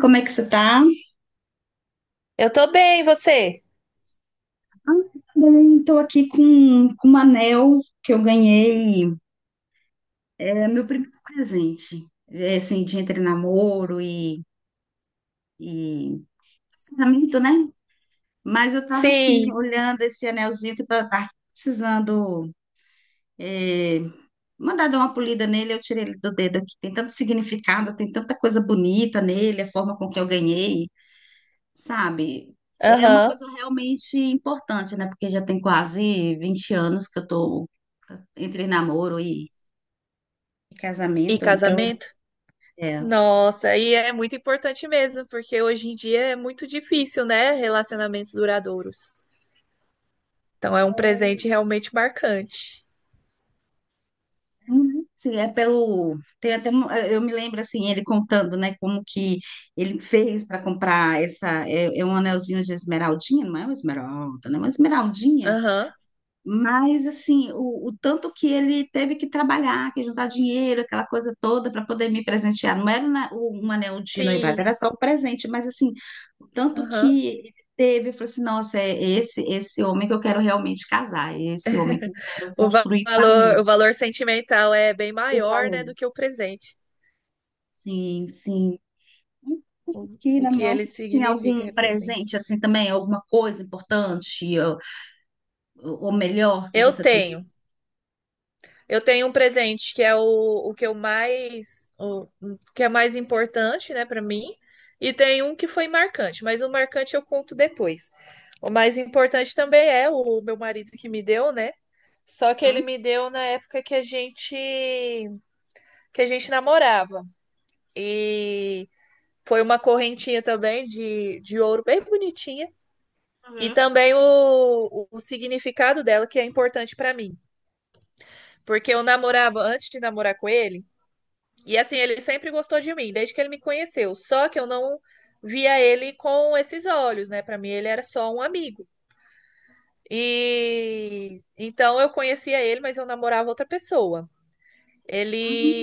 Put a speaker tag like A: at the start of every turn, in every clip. A: Como é que você tá?
B: Eu tô bem, e você?
A: Estou aqui com um anel que eu ganhei. É meu primeiro presente, é, assim, de entre namoro e casamento, né? Mas eu estava aqui
B: Sim.
A: olhando esse anelzinho que tá precisando é, mandar dar uma polida nele. Eu tirei ele do dedo aqui. Tem tanto significado, tem tanta coisa bonita nele, a forma com que eu ganhei. Sabe? É uma
B: Aham.
A: coisa realmente importante, né? Porque já tem quase 20 anos que eu tô entre namoro e
B: E
A: casamento, então
B: casamento?
A: é.
B: Nossa, e é muito importante mesmo, porque hoje em dia é muito difícil, né? Relacionamentos duradouros. Então é um presente realmente marcante.
A: Uhum. Sim, é pelo. Tem até um- eu me lembro assim, ele contando, né, como que ele fez para comprar essa. É, é um anelzinho de esmeraldinha, não é uma esmeralda, né? Uma esmeraldinha.
B: Aham.
A: Mas, assim, o tanto que ele teve que trabalhar, que juntar dinheiro, aquela coisa toda, para poder me presentear. Não era na- o- um anel de noivado,
B: Sim.
A: era só o presente. Mas, assim, o tanto
B: Aham.
A: que ele teve, eu falei assim: nossa, é esse homem que eu quero realmente casar, é esse homem que eu quero
B: O va-
A: construir
B: valor,
A: família.
B: o valor sentimental é bem
A: O
B: maior,
A: valor.
B: né, do que o presente,
A: Sim, sim.
B: o,
A: Aqui
B: o
A: na
B: que
A: mão,
B: ele
A: você tem
B: significa,
A: algum
B: representa.
A: presente, assim, também? Alguma coisa importante, ou melhor, que
B: Eu
A: você tem?
B: tenho, eu tenho um presente que é o que eu mais, o que é mais importante, né, para mim, e tem um que foi marcante, mas o marcante eu conto depois. O mais importante também é o meu marido que me deu, né? Só que ele
A: Uhum,
B: me deu na época que a gente namorava. E foi uma correntinha também de ouro bem bonitinha. E
A: uhum.
B: também o significado dela, que é importante pra mim. Porque eu namorava antes de namorar com ele. E assim, ele sempre gostou de mim, desde que ele me conheceu. Só que eu não via ele com esses olhos, né? Pra mim, ele era só um amigo. E então eu conhecia ele, mas eu namorava outra pessoa.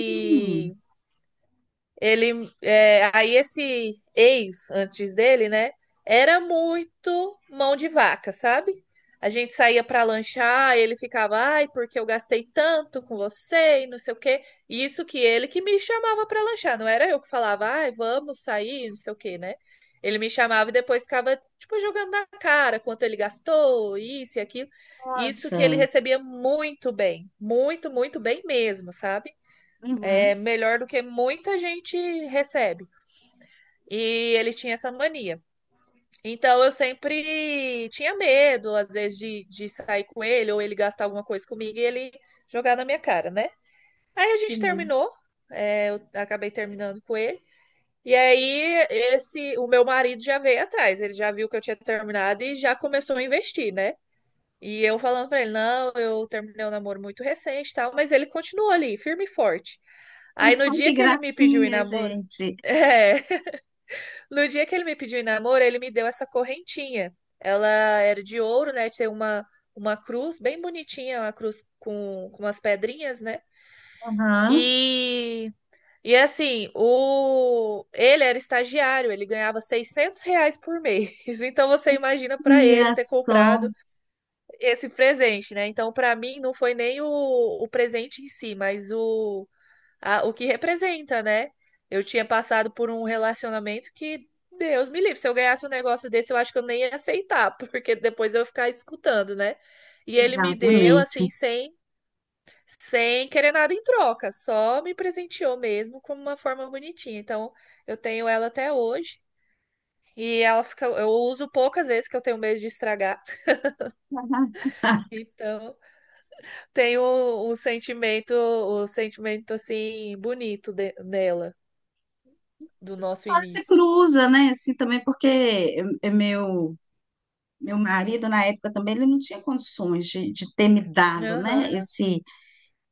A: Hum,
B: Ele, é, aí esse ex antes dele, né, era muito mão de vaca, sabe? A gente saía para lanchar, ele ficava, ai, porque eu gastei tanto com você e não sei o quê. Isso que ele que me chamava para lanchar, não era eu que falava, ai, vamos sair, não sei o quê, né? Ele me chamava e depois ficava, tipo, jogando na cara quanto ele gastou, isso e aquilo. Isso que ele
A: nossa.
B: recebia muito bem, muito, muito bem mesmo, sabe? É
A: Uhum.
B: melhor do que muita gente recebe. E ele tinha essa mania. Então eu sempre tinha medo, às vezes, de sair com ele, ou ele gastar alguma coisa comigo e ele jogar na minha cara, né? Aí a gente
A: Sim.
B: terminou, é, eu acabei terminando com ele. E aí o meu marido já veio atrás, ele já viu que eu tinha terminado e já começou a investir, né? E eu falando pra ele, não, eu terminei um namoro muito recente e tal, mas ele continuou ali, firme e forte. Aí no
A: Opa,
B: dia
A: que
B: que ele me pediu em
A: gracinha,
B: namoro,
A: gente.
B: é, no dia que ele me pediu em namoro, ele me deu essa correntinha. Ela era de ouro, né? Uma cruz bem bonitinha, uma cruz com umas pedrinhas, né?
A: Aham.
B: E, e assim, ele era estagiário, ele ganhava R$ 600 por mês. Então você imagina para ele
A: Olha
B: ter
A: só.
B: comprado esse presente, né? Então para mim não foi nem o presente em si, mas o que representa, né? Eu tinha passado por um relacionamento que, Deus me livre, se eu ganhasse um negócio desse, eu acho que eu nem ia aceitar, porque depois eu ia ficar escutando, né? E ele me deu,
A: Exatamente.
B: assim, sem querer nada em troca, só me presenteou mesmo como uma forma bonitinha. Então, eu tenho ela até hoje. E ela fica, eu uso poucas vezes que eu tenho medo de estragar. Então, tenho um sentimento assim bonito nela, do
A: Você
B: nosso início.
A: cruza, né? Assim também, porque é- é meu marido na época também ele não tinha condições de ter me dado, né?
B: Aham.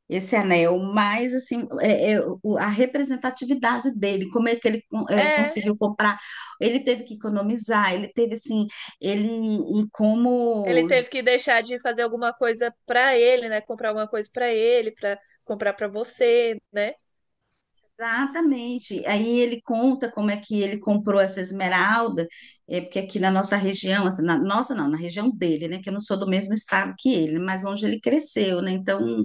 A: Esse anel, mas assim é- é o- a representatividade dele, como é que ele con- é,
B: É,
A: conseguiu comprar? Ele teve que economizar, ele teve assim, ele e
B: ele
A: como
B: teve que deixar de fazer alguma coisa pra ele, né? Comprar alguma coisa pra ele, pra comprar pra você, né?
A: Exatamente. Aí ele conta como é que ele comprou essa esmeralda, é, porque aqui na nossa região, assim, na nossa não, na região dele, né? Que eu não sou do mesmo estado que ele, mas onde ele cresceu, né? Então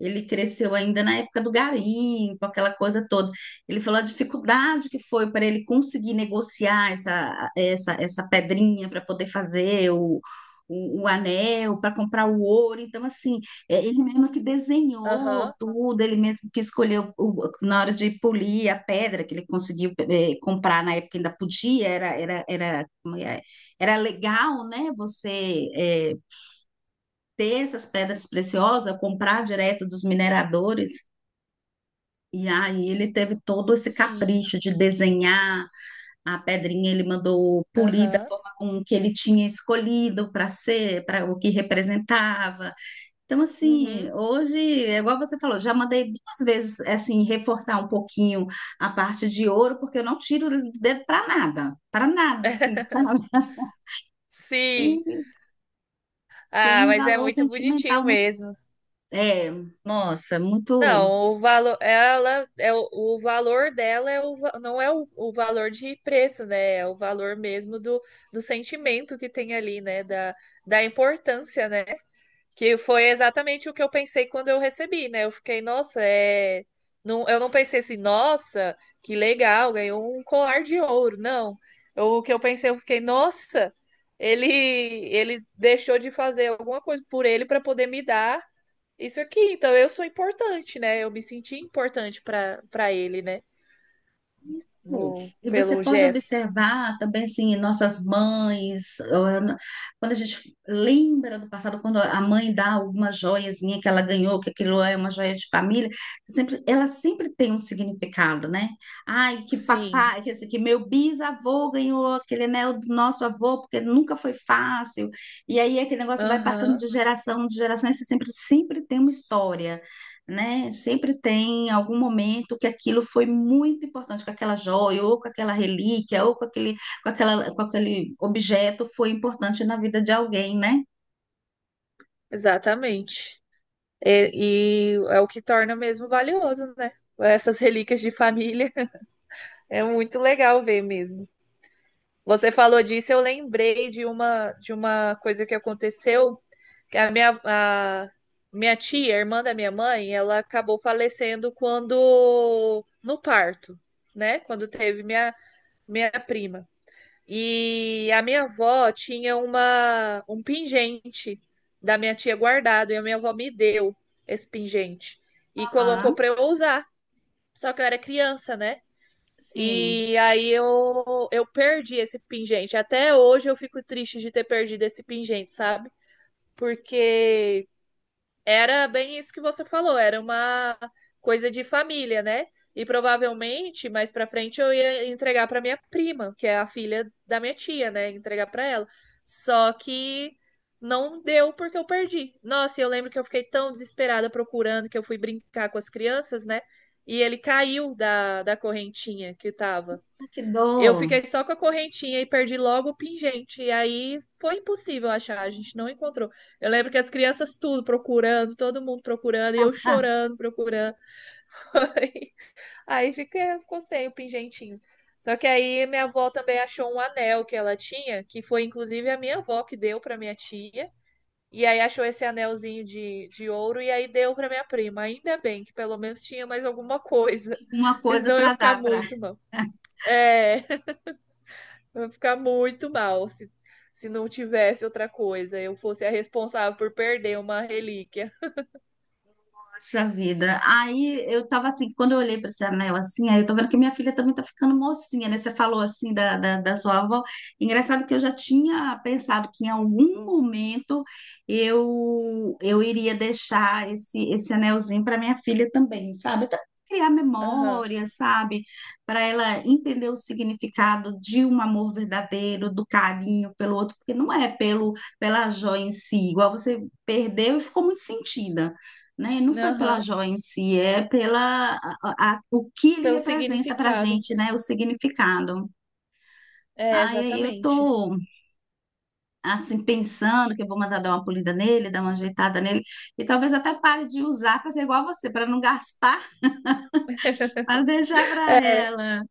A: ele cresceu ainda na época do garimpo, aquela coisa toda. Ele falou a dificuldade que foi para ele conseguir negociar essa pedrinha para poder fazer o anel, para comprar o ouro. Então, assim, é ele mesmo que desenhou
B: Aham,
A: tudo, ele mesmo que escolheu o- na hora de polir a pedra que ele conseguiu comprar na época que ainda podia, era como é? Era legal, né? Você ter essas pedras preciosas, comprar direto dos mineradores. E aí ele teve todo esse
B: sim,
A: capricho de desenhar a pedrinha, ele mandou polir da
B: aham,
A: forma com que ele tinha escolhido para ser, para o que representava. Então, assim,
B: uhum.
A: hoje, é igual você falou, já mandei 2 vezes, é assim, reforçar um pouquinho a parte de ouro, porque eu não tiro o dedo para nada, assim, sabe?
B: Sim.
A: E
B: Ah,
A: tem um
B: mas é
A: valor
B: muito
A: sentimental
B: bonitinho
A: muito,
B: mesmo.
A: é, nossa, muito.
B: Não, o valor, ela é o valor dela é não é o valor de preço, né? É o valor mesmo do, do sentimento que tem ali, né? Da, da importância, né? Que foi exatamente o que eu pensei quando eu recebi, né? Eu fiquei, nossa, é. Não, eu não pensei assim, nossa, que legal, ganhou um colar de ouro. Não. O que eu pensei, eu fiquei, nossa, ele, ele deixou de fazer alguma coisa por ele para poder me dar isso aqui. Então eu sou importante, né? Eu me senti importante para ele, né?
A: Hum.
B: No,
A: E você
B: pelo
A: pode
B: gesto.
A: observar também, assim, nossas mães, ah, na- quando a gente lembra do passado, quando a mãe dá alguma joiazinha que ela ganhou, que aquilo é uma joia de família, sempre, ela sempre tem um significado, né? Ai, que
B: Sim.
A: papai, que, assim, que meu bisavô ganhou aquele anel do nosso avô, porque nunca foi fácil. E aí aquele negócio vai passando
B: Aham,
A: de geração, e você sempre, sempre tem uma história né? Sempre tem algum momento que aquilo foi muito importante, com aquela joia, ou com aquela relíquia, ou com aquele, com aquela, com aquele objeto foi importante na vida de alguém, né?
B: exatamente. E é o que torna mesmo valioso, né? Essas relíquias de família. É muito legal ver mesmo. Você falou disso, eu lembrei de uma coisa que aconteceu, que a minha tia, irmã da minha mãe, ela acabou falecendo quando no parto, né? Quando teve minha prima. E a minha avó tinha uma, um pingente da minha tia guardado, e a minha avó me deu esse pingente e colocou
A: Aham,
B: para eu usar. Só que eu era criança, né?
A: sim.
B: E aí eu perdi esse pingente. Até hoje eu fico triste de ter perdido esse pingente, sabe? Porque era bem isso que você falou, era uma coisa de família, né? E provavelmente mais pra frente eu ia entregar pra minha prima, que é a filha da minha tia, né? Entregar pra ela. Só que não deu porque eu perdi. Nossa, e eu lembro que eu fiquei tão desesperada procurando que eu fui brincar com as crianças, né? E ele caiu da correntinha que tava.
A: Ah, que
B: Eu
A: dó.
B: fiquei só com a correntinha e perdi logo o pingente. E aí foi impossível achar, a gente não encontrou. Eu lembro que as crianças tudo procurando, todo mundo procurando, e eu
A: Ah,
B: chorando, procurando. Foi. Ficou sem o pingentinho. Só que aí minha avó também achou um anel que ela tinha, que foi inclusive a minha avó que deu para minha tia. E aí achou esse anelzinho de ouro e aí deu para minha prima. Ainda bem que pelo menos tinha mais alguma coisa,
A: uma
B: porque
A: coisa
B: senão eu ia
A: para
B: ficar
A: dar para
B: muito mal. É. Eu ia ficar muito mal se não tivesse outra coisa. Eu fosse a responsável por perder uma relíquia.
A: Nossa vida. Aí eu tava assim, quando eu olhei para esse anel assim, aí eu tô vendo que minha filha também tá ficando mocinha, né? Você falou assim da sua avó. Engraçado que eu já tinha pensado que em algum momento eu iria deixar esse anelzinho para minha filha também, sabe? Até pra criar
B: Aham,
A: memória, sabe? Para ela entender o significado de um amor verdadeiro, do carinho pelo outro, porque não é pelo pela joia em si, igual você perdeu e ficou muito sentida né? E não foi pela
B: aham.
A: joia em si, é pela a- o que ele
B: Pelo
A: representa para a
B: significado.
A: gente, né? O significado.
B: É,
A: Aí eu
B: exatamente.
A: tô assim pensando que eu vou mandar dar uma polida nele, dar uma ajeitada nele e talvez até pare de usar para ser igual a você, para não gastar, para deixar para ela.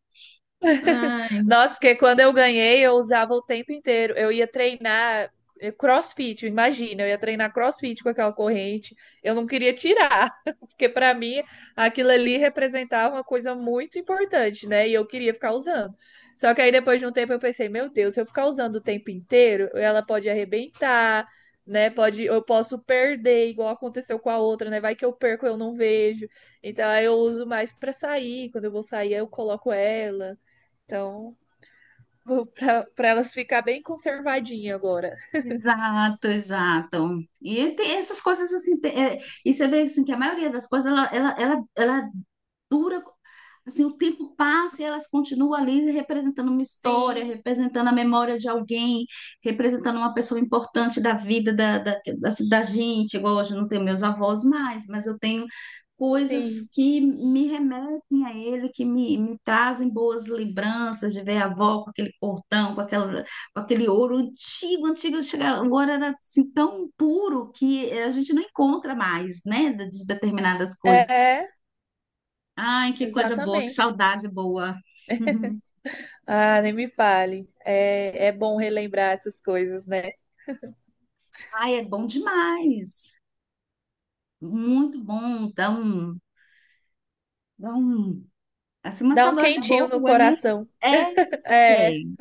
A: Ai.
B: Nossa, porque quando eu ganhei, eu usava o tempo inteiro. Eu ia treinar CrossFit, imagina, eu ia treinar CrossFit com aquela corrente. Eu não queria tirar, porque para mim aquilo ali representava uma coisa muito importante, né? E eu queria ficar usando. Só que aí depois de um tempo eu pensei, meu Deus, se eu ficar usando o tempo inteiro, ela pode arrebentar, né? Pode, eu posso perder, igual aconteceu com a outra, né? Vai que eu perco, eu não vejo. Então aí eu uso mais para sair. Quando eu vou sair, eu coloco ela. Então, vou pra elas ficar bem conservadinha agora.
A: Exato, exato. E tem essas coisas assim, tem- é, e você vê assim, que a maioria das coisas ela dura, assim, o tempo passa e elas continuam ali representando uma história,
B: Sim,
A: representando a memória de alguém, representando uma pessoa importante da vida da gente. Igual hoje eu não tenho meus avós mais, mas eu tenho coisas
B: sim.
A: que me remetem a ele, que me trazem boas lembranças de ver a avó com aquele cortão com aquela aquele ouro antigo, antigo, chega- agora era assim, tão puro que a gente não encontra mais, né, de determinadas coisas.
B: É,
A: Ai, que coisa boa, que
B: exatamente.
A: saudade boa.
B: Ah, nem me fale. É, é bom relembrar essas coisas, né?
A: Ai, é bom demais. Muito bom, então, dá um- assim, uma
B: Dá um
A: saudade
B: quentinho no
A: boa, né?
B: coração.
A: É,
B: É,
A: é.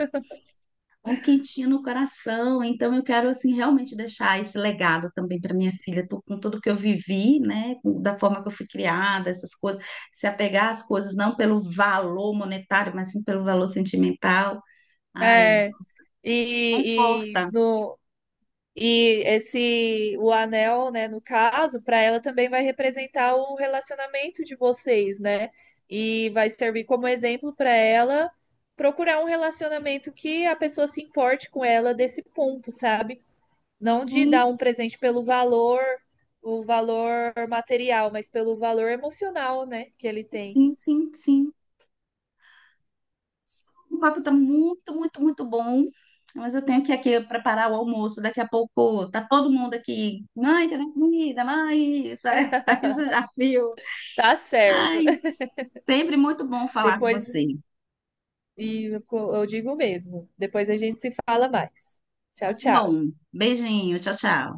A: Um quentinho no coração. Então eu quero assim realmente deixar esse legado também para minha filha, tô- com tudo que eu vivi, né, com- da forma que eu fui criada, essas coisas, se apegar às coisas não pelo valor monetário, mas sim pelo valor sentimental. Ai,
B: é. E
A: conforta.
B: no, E esse o anel, né, no caso, para ela também vai representar o relacionamento de vocês, né? E vai servir como exemplo para ela procurar um relacionamento que a pessoa se importe com ela desse ponto, sabe? Não de
A: Sim,
B: dar um presente pelo valor, o valor material, mas pelo valor emocional, né, que ele tem.
A: sim, sim, sim. O papo está muito, muito, muito bom. Mas eu tenho que aqui preparar o almoço. Daqui a pouco tá todo mundo aqui. Mãe, cadê a comida? Mãe, isso aí você já viu.
B: Tá
A: Ai,
B: certo.
A: sempre muito bom falar com
B: Depois,
A: você.
B: e eu digo mesmo, depois a gente se fala mais. Tchau,
A: Muito
B: tchau.
A: bom. Beijinho, tchau, tchau.